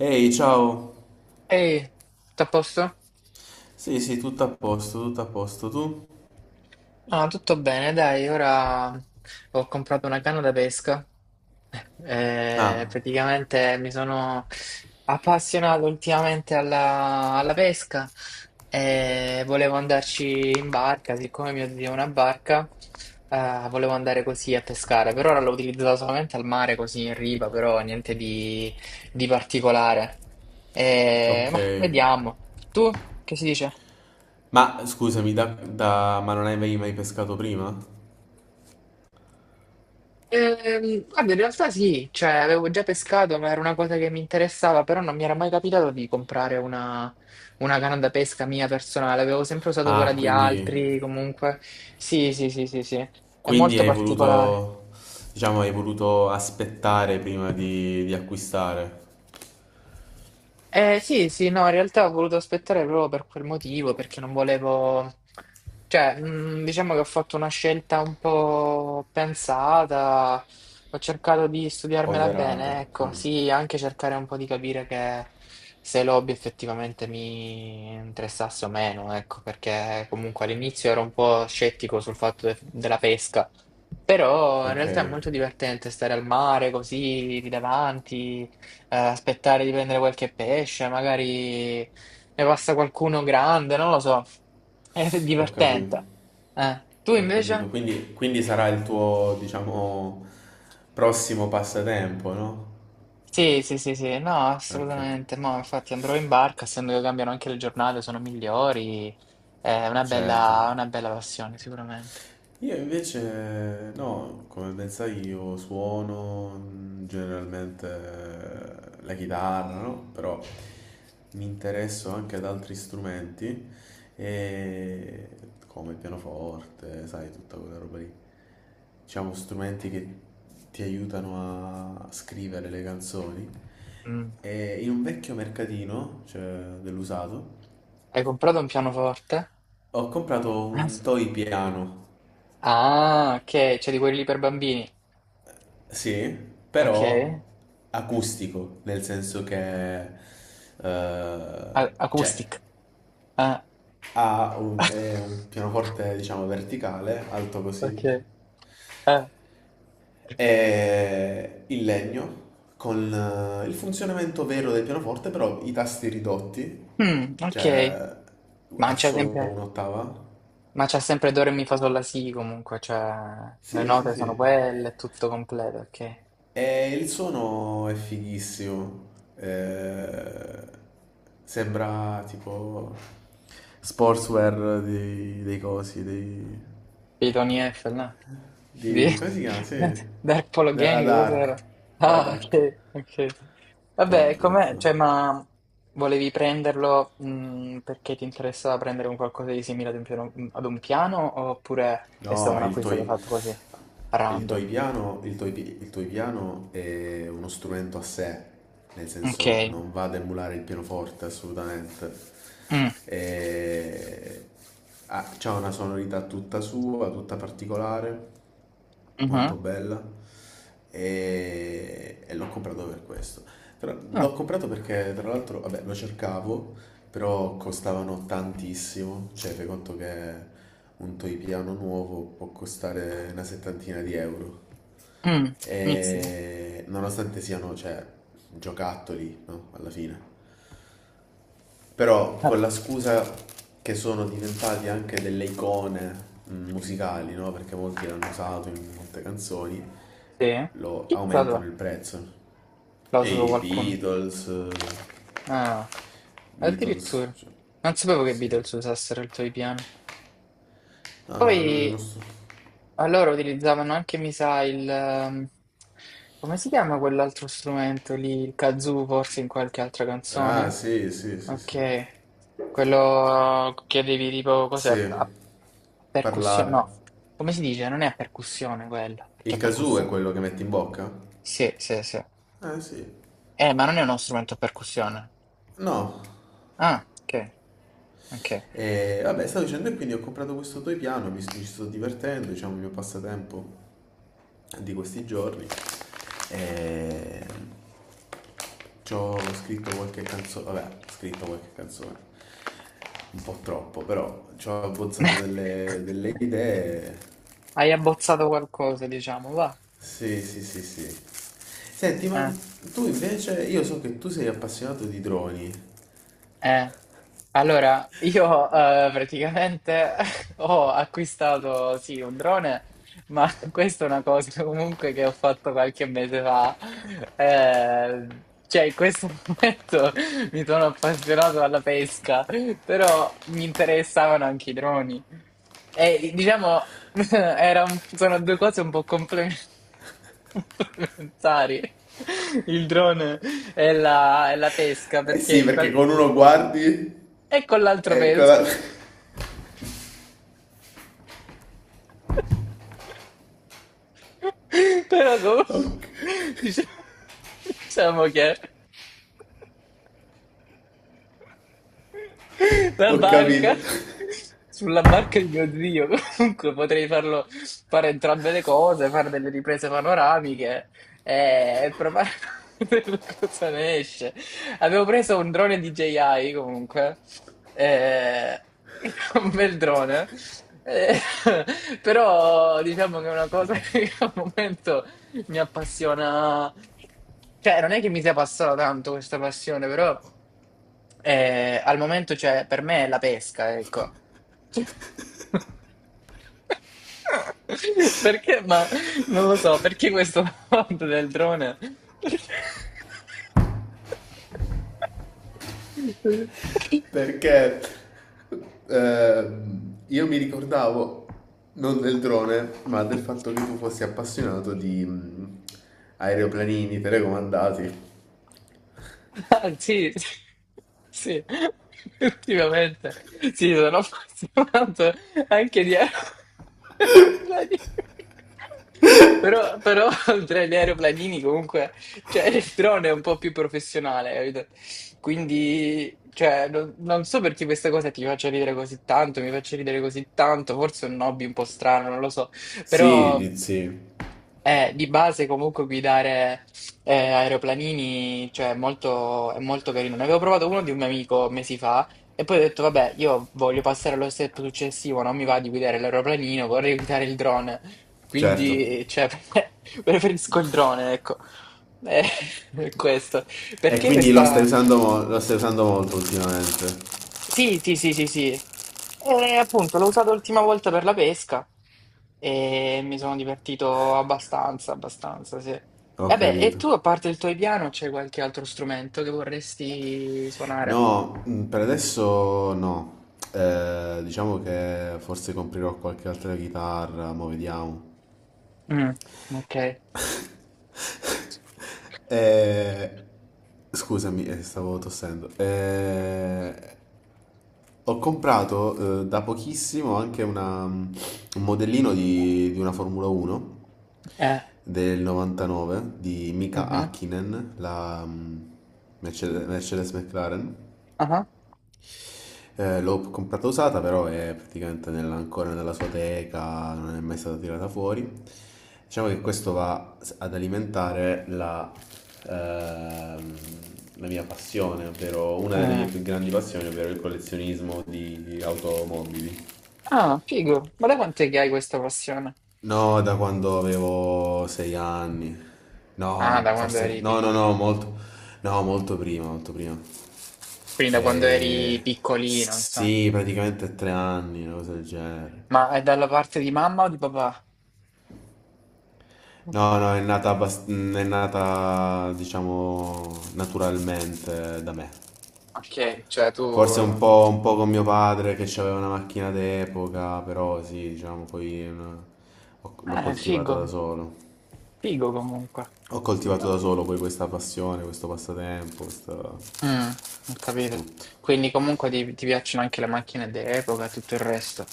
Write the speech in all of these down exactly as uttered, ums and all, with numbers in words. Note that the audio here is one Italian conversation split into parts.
Ehi, ciao. Ehi, tutto a posto? Sì, sì, tutto a posto, tutto a posto. Tu? Ah, tutto bene, dai, ora ho comprato una canna da pesca. Eh, Ah, praticamente mi sono appassionato ultimamente alla, alla pesca e volevo andarci in barca, siccome mio zio ha una barca, eh, volevo andare così a pescare. Per ora l'ho utilizzata solamente al mare, così in riva, però niente di, di particolare. Eh, ok. ma vediamo. Tu, che si dice? Ma scusami, da, da- ma non avevi mai pescato prima? Ehm, guarda, in realtà sì, cioè avevo già pescato, ma era una cosa che mi interessava, però non mi era mai capitato di comprare una, una canna da pesca mia personale, avevo sempre usato quella Ah, di quindi, altri, comunque. Sì, sì, sì, sì, sì, è quindi molto hai particolare. voluto, diciamo, hai voluto aspettare prima di, di acquistare. Eh, sì, sì, no, in realtà ho voluto aspettare proprio per quel motivo, perché non volevo, cioè, mh, diciamo che ho fatto una scelta un po' pensata, ho cercato di studiarmela Ponderata, bene, ecco, sì. sì, anche cercare un po' di capire che se l'hobby effettivamente mi interessasse o meno, ecco, perché comunque all'inizio ero un po' scettico sul fatto de- della pesca, però in Ok, realtà è molto divertente stare al mare così, lì davanti, eh, aspettare di prendere qualche pesce, magari ne passa qualcuno grande, non lo so. È ho divertente. capito. Eh, Tu Ho capito. invece? Quindi, quindi sarà il tuo, diciamo, prossimo passatempo, no? Sì, sì, sì, sì, no, Ok, assolutamente. Mo, infatti andrò in barca, essendo che cambiano anche le giornate, sono migliori. È una bella, certo. una bella passione, sicuramente. Io invece, no, come ben sai, io suono mm, generalmente eh, la chitarra, no? Però mi interesso anche ad altri strumenti, e come il pianoforte, sai, tutta quella roba lì. Diciamo, strumenti che ti aiutano a scrivere le canzoni. Mm. E in un vecchio mercatino, cioè dell'usato, Hai comprato un pianoforte? ho comprato un toy piano. Ah, ok, c'è di quelli lì per bambini. Sì, Ok. però acustico, nel senso che eh, A- cioè acoustic. Ah. ha un, è un pianoforte diciamo verticale, alto Ok. così, Ah. e il legno con eh, il funzionamento vero del pianoforte, però i tasti ridotti, Mm, ok, cioè ma ha c'è solo sempre, un'ottava. ma c'è sempre Do, Re, Mi, Fa, Sol, La, Si comunque, cioè le Sì, sì, note sono sì. quelle, è tutto completo, ok. E il suono è fighissimo, eh, sembra tipo sportswear dei, dei cosi, dei, Di Tony Eiffel, no? Di di, come si chiama? Sì, Dark Polo della Gang, Dark, cos'era? della Ah, Dark, ok, ok. Vabbè, top, top, com'è? top. Cioè, ma volevi prenderlo mh, perché ti interessava prendere un qualcosa di simile ad un piano, ad un piano oppure è stato No, un il acquisto che toy, hai fatto così, il toy random? piano, il toy, pi- Il toy piano è uno strumento a sé, nel Ok. senso non va ad emulare il pianoforte assolutamente. Mm, E... ha c'ha una sonorità tutta sua, tutta particolare, molto mhm. bella e, e l'ho comprato per questo. Tra- Ah, L'ho comprato perché tra l'altro, vabbè, lo cercavo, però costavano tantissimo, cioè fai conto che un toy piano nuovo può costare una settantina di euro. mm, mizzica. E nonostante siano, cioè, giocattoli, no? Alla fine. Però Vabbè. con la scusa che sono diventati anche delle icone mm, musicali, no? Perché molti l'hanno usato in molte canzoni, Sì? lo Chi l'ha aumentano usato? il prezzo. L'ha E usato i qualcuno? Beatles, eh, Ah, Beatles, addirittura. cioè, Non sapevo che sì. Beatles Sì. usassero il tuo piano. No, Poi no, no, non sto. allora utilizzavano anche, mi sa, il... ehm, come si chiama quell'altro strumento lì? Il kazoo, forse in qualche altra Ah, canzone? sì, sì, sì, sì. Ok. Quello che avevi tipo, cos'è? Sì, A, a percussione? parlare. No. Come si dice? Non è a percussione quella. Perché Il è casù è percussione? quello che metti in bocca? Sì, sì, sì. Eh sì. Eh, ma non è uno strumento a percussione. No. Ah, ok, ok. E vabbè, stavo dicendo e quindi ho comprato questo toy piano, mi sto- ci sto divertendo, diciamo, il mio passatempo di questi giorni. E... Ci ho scritto qualche canzone, vabbè, ho scritto qualche canzone, un po' troppo, però ci ho abbozzato delle, delle idee. Hai abbozzato qualcosa, diciamo, va. Sì, sì, sì, sì. Senti, ma Eh. tu invece, io so che tu sei appassionato di droni. Eh, allora, io eh, praticamente ho acquistato sì un drone, ma questa è una cosa comunque che ho fatto qualche mese fa. Eh, cioè, in questo momento mi sono appassionato alla pesca, però mi interessavano anche i droni. E diciamo, era un- sono due cose un po' complementari. Complementari. Il drone e la, e la pesca, Eh perché sì, in perché qual- con uno guardi, e con l'altro eccola, vescovo. Però comunque, ho, dice- diciamo che... La ho barca, capito, sulla barca di mio zio, comunque potrei farlo fare entrambe le cose, fare delle riprese panoramiche e, e provare a vedere cosa ne esce. Avevo preso un drone D J I comunque, eh, un bel drone, eh, però diciamo che è una cosa che al momento mi appassiona. Cioè, non è che mi sia passata tanto questa passione, però eh, al momento, cioè, per me è la pesca, ecco. Cioè- Perché? Ma non lo so, perché questo fatto del drone? Perché- perché ehm, io mi ricordavo non del drone, ma del fatto che tu fossi appassionato di mm, aeroplanini telecomandati. Ah, sì, sì, effettivamente. Sì, sono appassionato anche di aeroplani. Però, però tra gli aeroplanini comunque, cioè il drone è un po' più professionale, capito? Quindi, cioè, non, non so perché questa cosa ti faccia ridere così tanto, mi faccia ridere così tanto, forse è un hobby un po' strano, non lo so, Sì, però... di- sì, Eh, di base comunque guidare. Eh, aeroplanini, cioè, molto- è molto carino. Ne avevo provato uno di un mio amico mesi fa e poi ho detto, vabbè, io voglio passare allo step successivo, non mi va di guidare l'aeroplanino, vorrei guidare il drone. certo. Quindi, cioè, preferisco il drone, ecco. Eh, questo. E Perché quindi lo stai questa... usando, mo- lo stai usando molto ultimamente. Sì, sì, sì, sì, sì. E appunto l'ho usato l'ultima volta per la pesca e mi sono divertito abbastanza, abbastanza, sì. Ho Vabbè, e capito. tu, a parte il tuo piano, c'è qualche altro strumento che vorresti suonare? No, mm, per adesso no. Eh, diciamo che forse comprerò qualche altra chitarra, ma vediamo. Mm, ok. Eh, scusami, eh, stavo tossendo. Eh, ho comprato eh, da pochissimo anche una- un modellino di, di una Formula uno Eh, del novantanove di Mika mhm, Hakkinen, la mm, Mercedes, Mercedes McLaren. aha, Eh, l'ho comprata usata, però è praticamente nella- ancora nella sua teca, non è mai stata tirata fuori. Diciamo che questo va s- ad alimentare la, ehm, la mia passione, ovvero una delle mm. mie più grandi passioni, ovvero il collezionismo di di automobili. Ah, figo. Ma da quant'è che hai questa passione? No, da quando avevo sei anni. Ah, da No, quando forse. eri No, no, no, piccolino. molto. No, molto prima, molto prima. Quindi da quando Eh, eri piccolino, insomma. sì, praticamente tre anni, una cosa del genere. Ma è dalla parte di mamma o di papà? No, no, è nata, abbast- mm, è nata, diciamo, naturalmente da me. Ok, cioè tu... Forse un po', un po' con mio padre che aveva una macchina d'epoca, però sì, diciamo, poi è una- ho- l'ho Eh, coltivata figo, da solo. figo comunque. Ho coltivato da solo poi questa passione, questo passatempo, questo Mm, ho capito. tutto. Quindi comunque ti, ti piacciono anche le macchine d'epoca e tutto il resto.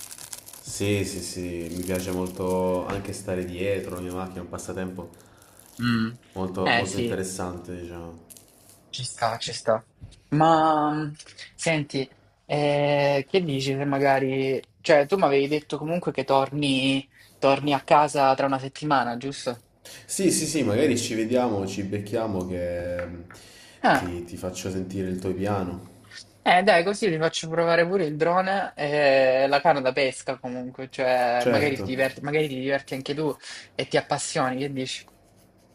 Sì, sì, sì, mi piace molto anche stare dietro la mia macchina, è un passatempo Mm. molto, Eh molto sì, interessante, diciamo. ci sta, ci sta. Ma mm, senti, eh, che dici se magari... Cioè, tu mi avevi detto comunque che torni, torni a casa tra una settimana, giusto? Sì, sì, sì, magari ci vediamo, ci becchiamo che mm, Ah, ti, ti faccio sentire il tuo piano. eh dai, così vi faccio provare pure il drone e la canna da pesca comunque, cioè magari ti Certo, diverti, magari ti diverti anche tu e ti appassioni, che dici?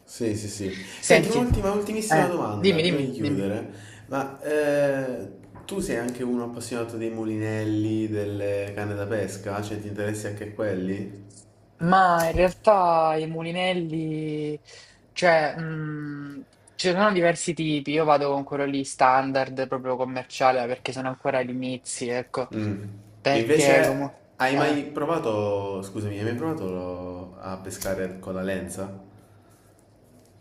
sì, sì, sì. Senti, Senti, un'ultima, ultimissima eh, domanda dimmi, prima di dimmi, dimmi. chiudere. Ma eh, tu sei anche uno appassionato dei mulinelli, delle canne da pesca? Cioè, ti interessi anche quelli? Ma in realtà i mulinelli, cioè, mh, ce ne sono diversi tipi, io vado con quello lì standard, proprio commerciale, perché sono ancora agli inizi, ecco, Mm. Invece, perché comunque... hai mai provato, scusami, hai mai provato lo- a pescare con la lenza?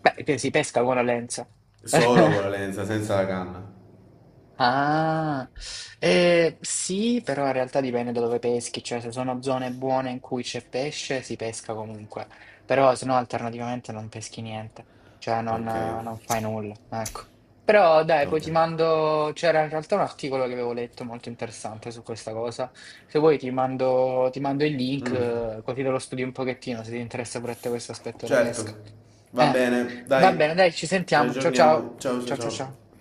Beh, che si pesca con la lenza. Solo con la lenza, senza la canna. Ah, eh, sì, però in realtà dipende da dove peschi, cioè se sono zone buone in cui c'è pesce si pesca comunque, però se no alternativamente non peschi niente, cioè non, Ok, eh, non fai nulla, ecco. Però dai, poi ok. ti mando, c'era in realtà un articolo che avevo letto molto interessante su questa cosa, se vuoi ti mando, ti mando il link eh, così te lo studi un pochettino se ti interessa pure a te questo aspetto della Certo, pesca. va Eh, bene, va dai, bene, dai, ci ci sentiamo, ciao ciao, aggiorniamo. Ciao, ciao, ciao ciao ciao. ciao.